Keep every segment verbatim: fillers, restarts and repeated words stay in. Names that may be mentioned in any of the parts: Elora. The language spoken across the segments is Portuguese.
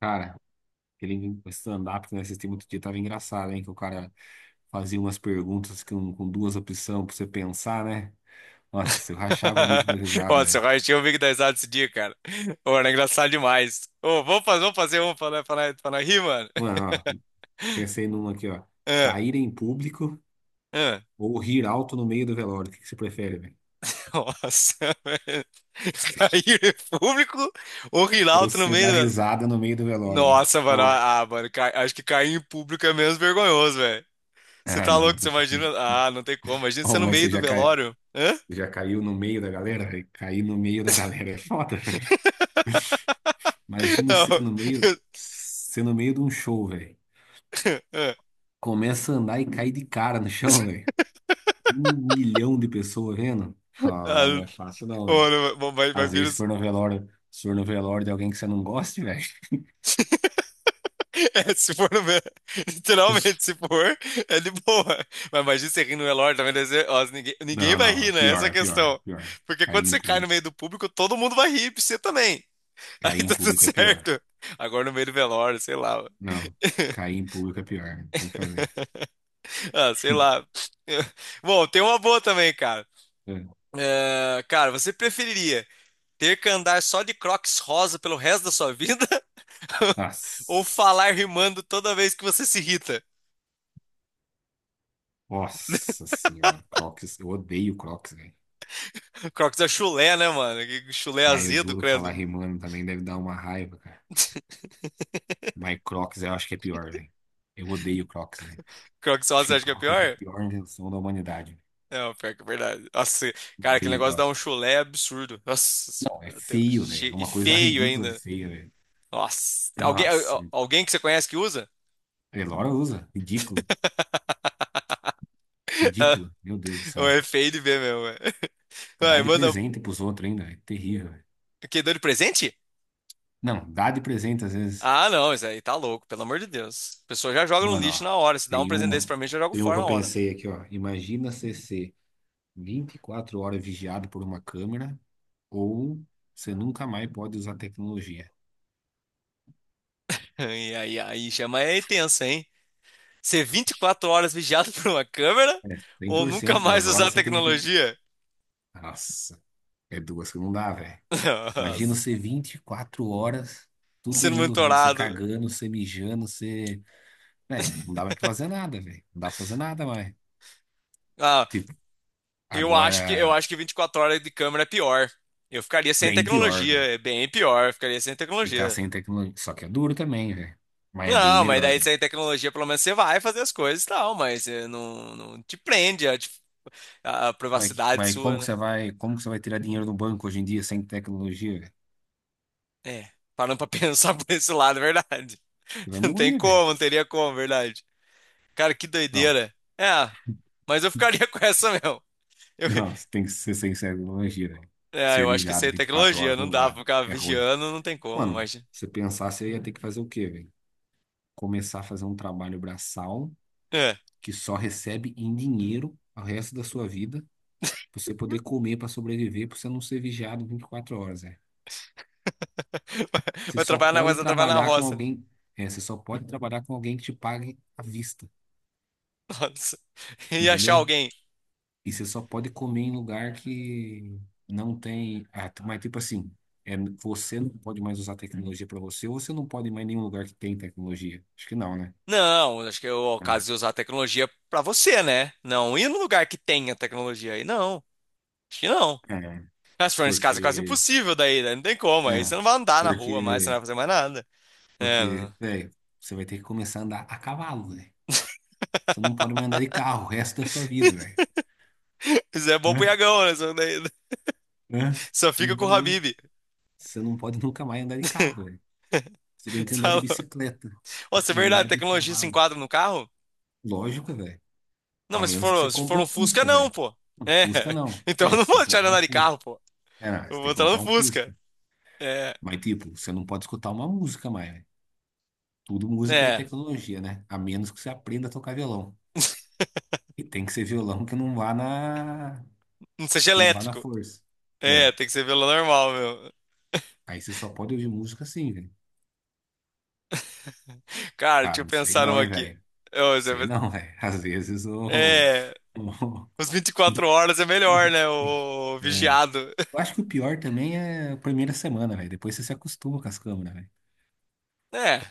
Cara, aquele stand-up que eu assisti muito dia tava engraçado, hein? Que o cara fazia umas perguntas com, com duas opções pra você pensar, né? Nossa, eu rachava o bico da risada, Ó, seu velho. raio, tinha um amigo da risada esse dia, cara. Ô, era engraçado demais. Ô, vamos fazer, vamos fazer um pra, nós- pra, nós- pra nós rir, mano. Mano, ó, pensei numa aqui, ó. Ah, Cair em público ah. ou rir alto no meio do velório? O que que você prefere, velho? Nossa, velho. Cair em público ou rir Ou alto no você dar meio do... risada no meio do velório, velho? Nossa, mano. Alto. Ah, ah, mano, ca- acho que cair em público é menos vergonhoso, velho. Você Ah, tá não. louco? Você imagina. Ah, não tem como. Imagina você Oh, no mas você meio do já, cai... velório. Hã? já caiu no meio da galera, velho? Cair no meio da galera é foda, velho. Imagina Não. você no meio, você no meio de um show, velho. Começa a andar e cai de cara no chão, velho. Um milhão de pessoas vendo. Ah, Ah, não é fácil não, velho. mano, mas, mas Às vezes, vira. se for no velório, se for no velório de alguém que você não goste, velho. É, se for no meu. Literalmente, se for, é de boa. Mas imagina você rir no velório também. deve ser- ó, ninguém, ninguém Não, vai não, é rir, né? Essa pior, é a é pior, é questão. pior. Porque quando Cair em você cai no público. meio do público, todo mundo vai rir, você também. Aí Cair em tá tudo público é pior. certo. Agora no meio do velório, sei lá. Não, cair em público é pior, né? Tem que fazer. Ah, sei lá. Bom, tem uma boa também, cara. É. É, cara, você preferiria ter que andar só de Crocs rosa pelo resto da sua vida? Ou Nossa, falar rimando toda vez que você se irrita? nossa senhora, Crocs. Eu odeio Crocs, velho. Crocs é chulé, né, mano? Que chulé Mas eu azedo, duro falar credo. rimando também deve dar uma raiva, cara. Mas Crocs eu acho que é pior, velho. Eu odeio Crocs, velho. Crocs só Acho você que acha que é Crocs é a pior? pior invenção da humanidade. Não, pior que é verdade. Nossa, cara, aquele Odeio negócio dá um Crocs. chulé absurdo. Nossa Não, é senhora. até- feio, velho. che- É E uma coisa feio ridícula de ainda. feia, velho. Nossa. Alguém, Nossa. al- alguém que você conhece que usa? Elora usa. Ridícula. Ridícula. Meu Deus do Não, céu. é feio de ver mesmo. É. Dá Vai, de manda. presente pros outros ainda. É terrível, velho. Que deu de presente? Não, dá de presente às vezes. Ah, não, isso aí tá louco, pelo amor de Deus. A pessoa já joga no Mano, lixo ó. na hora. Se dá um Tem presente desse uma. pra mim, eu já jogo Tem uma fora que eu na hora. pensei aqui, ó. Imagina você ser vinte e quatro horas vigiado por uma câmera ou você nunca mais pode usar tecnologia. E aí, aí chama é tenso, hein? Ser vinte e quatro horas vigiado por uma câmera É, ou nunca cem por cento mais das horas usar você tem que ficar. tecnologia? Nossa. É duas que não dá, velho. Nossa. Imagina você vinte e quatro horas, todo Sendo mundo vendo você monitorado. cagando, você mijando, você. Véi, não dá mais pra fazer nada, velho. Não dá pra fazer nada mais. Ah, Tipo, eu acho que eu agora, acho que vinte e quatro horas de câmera é pior. Eu ficaria sem bem pior, tecnologia, velho. é bem pior, eu ficaria sem Ficar tecnologia. sem tecnologia. Só que é duro também, velho. Mas é bem Não, mas daí melhor. sem tecnologia, pelo menos você vai fazer as coisas e tal, mas eh, não, não te prende a, dif- a Mas, privacidade mas sua, como que né? você vai, como que você vai tirar dinheiro do banco hoje em dia sem tecnologia, velho? É, parando pra pensar por esse lado, é verdade. Você vai Não tem morrer, velho. como, não teria como, é verdade. Cara, que Não, doideira. É, mas eu ficaria com essa mesmo. Eu, não, você tem que ser sem tecnologia, velho. é, Ser eu acho que isso aí vigiado é vinte e quatro tecnologia, horas não não dá pra dá. ficar É ruim. vigiando, não tem como, Mano, mas. se você pensar, você ia ter que fazer o quê, velho? Começar a fazer um trabalho braçal É. que só recebe em dinheiro o resto da sua vida, pra você poder comer para sobreviver, para você não ser vigiado vinte e quatro horas, é. Vai, Você vai só trabalhar na, vai pode trabalhar na trabalhar com roça, né? alguém, é, você só pode trabalhar com alguém que te pague à vista, Nossa. E achar entendeu? alguém. E você só pode comer em lugar que não tem, ah, t- mas tipo assim, é, você não pode mais usar tecnologia para você, ou você não pode ir mais em nenhum lugar que tem tecnologia. Acho que não, né? Não, acho que é o caso de usar a tecnologia pra você, né? Não ir no lugar que tenha tecnologia aí. Não, acho que não. É, é, Mas se for nesse caso é quase porque, impossível daí, né? Não tem como. Aí é, você não vai andar na rua mais, você não vai porque fazer mais nada. É, Porque, não. velho, você vai ter que começar a andar a cavalo, velho. Você não pode mais andar de carro o resto da sua vida, velho. Isso é bom pro Né? Iagão, né? Só, daí- Né? Só Você fica não com pode, o nu- Habib. Você não pode nunca mais andar de carro, velho. Você tem que andar de Salão. bicicleta e Nossa, é andar verdade, de tecnologia se cavalo. enquadra no carro? Lógico, velho. Não, A mas se menos que você for, se compre for um um Fusca, Fusca, não, velho. pô. Um É. Fusca não. Então eu É, não você tem vou que tirar comprar um andar de Fusca. carro, pô. É, não, você Eu vou tem que entrar no comprar um Fusca. Fusca. É. Mas, tipo, você não pode escutar uma música mais, velho. Tudo música é É. tecnologia, né? A menos que você aprenda a tocar violão. E tem que ser violão que não vá na Não seja que não vá na elétrico. força. É, É. tem que ser pelo normal, meu. Aí você só pode ouvir música assim, velho. Cara, deixa Cara, eu não sei pensar não, numa hein, aqui. velho. Não Ô, você sei vai- não, velho. Às vezes o. o- É. Os vinte e quatro horas é melhor, né? O É. vigiado. Eu acho que o pior também é a primeira semana, velho. Depois você se acostuma com as câmeras, velho. É.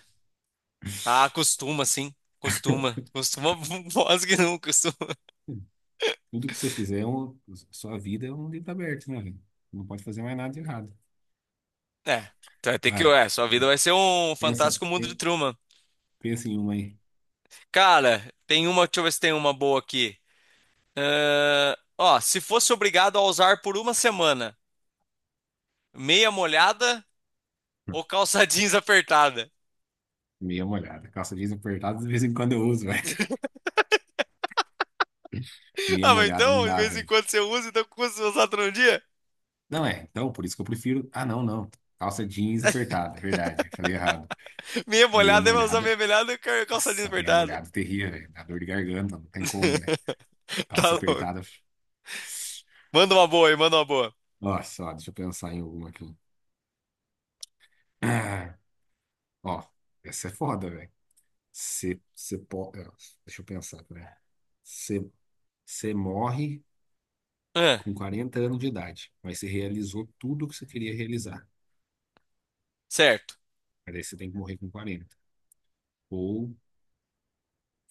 Ah, costuma, sim. Costuma. Costuma, voz que não costuma. Tudo que você fizer, é um- sua vida é um livro aberto, né, velho? Não pode fazer mais nada de errado. É. Então vai ter que. Vai. É, sua vida vai ser um Pensa, fantástico mundo de pe- Truman. Pensa em uma aí. Cara, tem uma, deixa eu ver se tem uma boa aqui. Ahn, ó, se fosse obrigado a usar por uma semana, meia molhada ou calça jeans apertada? Meia molhada. Calça jeans apertada, de vez em quando eu uso, velho. Meia Ah, mas molhada não então, de dá, vez em velho. quando você usa, então custa usar todo dia? Não é, então, por isso que eu prefiro. Ah, não, não. Calça jeans apertada, verdade. Falei errado. Meia Meia molhada, vai usar meia molhada. molhada e cal- calça jeans Nossa, meia apertada. molhada, terrível, velho. Dá dor de garganta, não tem como, velho. Tá Calça louco. apertada. Manda uma boa aí, manda uma boa. Nossa, ó, deixa eu pensar em alguma aqui. Ah, ó, essa é foda, velho. Você pode. Deixa eu pensar, velho. Você morre Ah, com quarenta anos de idade, mas você realizou tudo o que você queria realizar. certo. Mas aí você tem que morrer com quarenta. Ou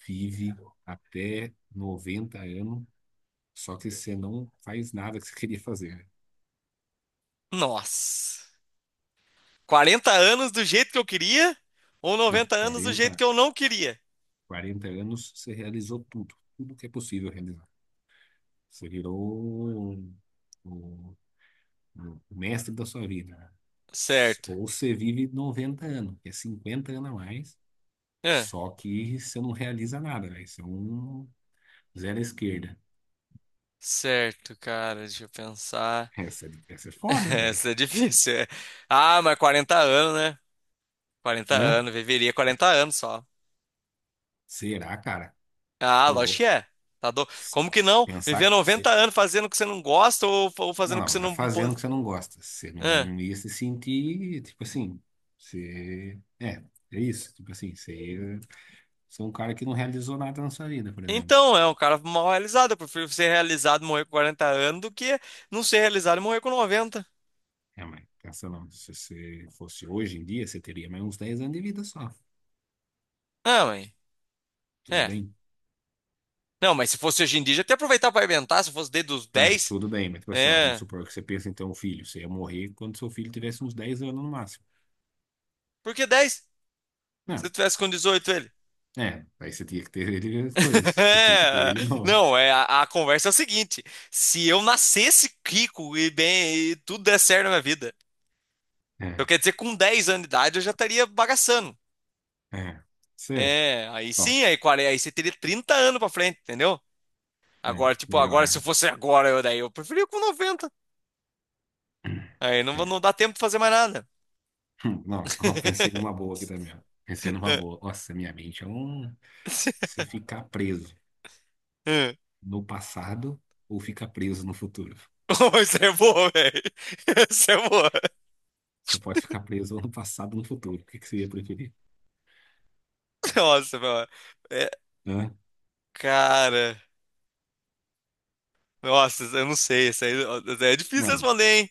vive até noventa anos. Só que você não faz nada que você queria fazer, né? Nossa. quarenta anos do jeito que eu queria ou Não, noventa anos do jeito que quarenta, eu não queria? quarenta anos você realizou tudo, tudo que é possível realizar. Você virou o, o- o mestre da sua vida, né? Certo. Ou você vive noventa anos, que é cinquenta anos a mais, só que você não realiza nada, velho. Você é um zero à esquerda. Certo, cara, deixa eu pensar. Essa, é, essa é foda, velho. Essa é difícil, é. Ah, mas quarenta anos, né? quarenta Né? anos, viveria quarenta anos só. Será, cara? Ah, Ô, lógico que louco. é. Tá do... S- Como que não? Viver Pensar, noventa você anos fazendo o que você não gosta ou, ou fazendo Não, o que não, você não é não fazendo o pode. que você não gosta. Você Ah. não ia se sentir, tipo assim, você... É, é isso. Tipo assim, você, você é um cara que não realizou nada na sua vida, por exemplo. Então, é um cara mal realizado. Eu prefiro ser realizado e morrer com quarenta anos do que não ser realizado e morrer com noventa. É, mas pensa não, se você fosse hoje em dia, você teria mais uns dez anos de vida só. Ah, mãe. Tudo É. bem? Não, mas se fosse hoje em dia, já até aproveitar pra inventar, se fosse desde os É, dez. tudo bem, mas tipo assim, ó, vamos É. supor que você pensa em ter um filho. Você ia morrer quando seu filho tivesse uns dez anos no máximo. Por que dez? Se Não, eu tivesse com dezoito ele. é, aí você tinha que ter ele coisa, você tinha que ter ele novo. Não, é a, a conversa é o seguinte: se eu nascesse rico e bem, e tudo der certo na minha vida, eu É, quero dizer, com dez anos de idade eu já estaria bagaçando. é, você, É, aí bom, sim, aí, quarenta aí você teria trinta anos pra frente, entendeu? né, Agora, tipo, melhor, agora, se né? eu fosse agora, eu, daí eu preferia com noventa. Aí não, vou- É. não dá tempo de fazer mais nada. Hum, Não, não, pensei numa boa aqui também, ó. Pensei numa boa. Nossa, minha mente é um. Você ficar preso no passado ou ficar preso no futuro? Oh, isso é boa, velho. Isso é boa. Você pode ficar preso no passado ou no futuro. O que que você ia preferir? Nossa, meu. É, Hã? cara. Nossa, eu não sei. Isso aí, isso aí é difícil Mano, responder, hein?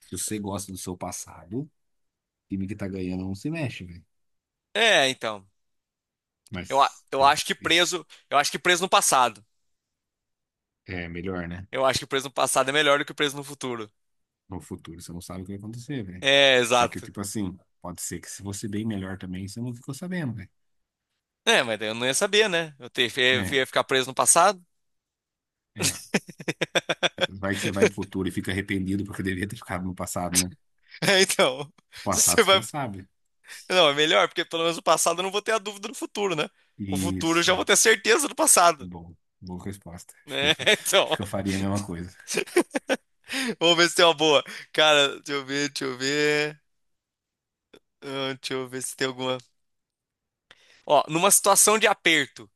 se você gosta do seu passado, o time que tá ganhando não se mexe, velho. É, então. Eu, a- Mas eu pode acho que ser. preso, eu acho que preso, no passado. É melhor, né? Eu acho que preso no passado é melhor do que preso no futuro. No futuro você não sabe o que vai acontecer, velho. É, Só que, exato. tipo assim, pode ser que se você bem melhor também, você não ficou sabendo, velho. É, mas daí eu não ia saber, né? Eu te- ia É. ia ficar preso no passado. é. Vai que você vai pro futuro e fica arrependido porque deveria ter ficado no passado, né? É, então. O Se passado você você vai... já sabe. Não, é melhor, porque pelo menos no passado eu não vou ter a dúvida do futuro, né? O futuro eu Isso. já vou ter certeza do É passado, bom. Boa resposta. Acho que eu, né? fa- Então. acho que eu faria a mesma coisa. Vamos ver se tem uma boa. Cara, deixa eu ver, deixa eu ver. Ah, deixa eu ver se tem alguma. Ó, numa situação de aperto,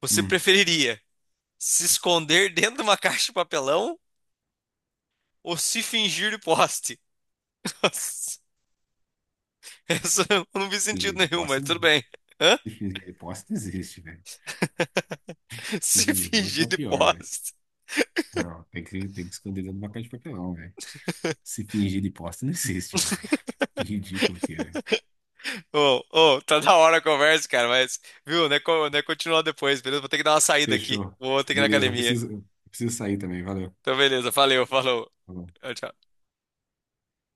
você Hum. preferiria se esconder dentro de uma caixa de papelão ou se fingir de poste. Nossa, essa eu não vi Fingir sentido de nenhum, mas posse, tudo não. bem. Hã? Fingir de posse não existe, velho. Se Fingir de posse é fingir o de pior, velho. poste. Não, tem que, tem que esconder dentro de uma caixa de papelão, velho. Se fingir de posse não existe, velho. Que ridículo que é. Ô, ô, tá da hora a conversa, cara, mas, viu, né, co- né, continuar depois, beleza? Vou ter que dar uma saída aqui. Fechou. Vou ter que ir na Beleza, eu academia. preciso, eu preciso sair também. Valeu. Então, beleza, valeu, falou. Falou. Tchau, tchau.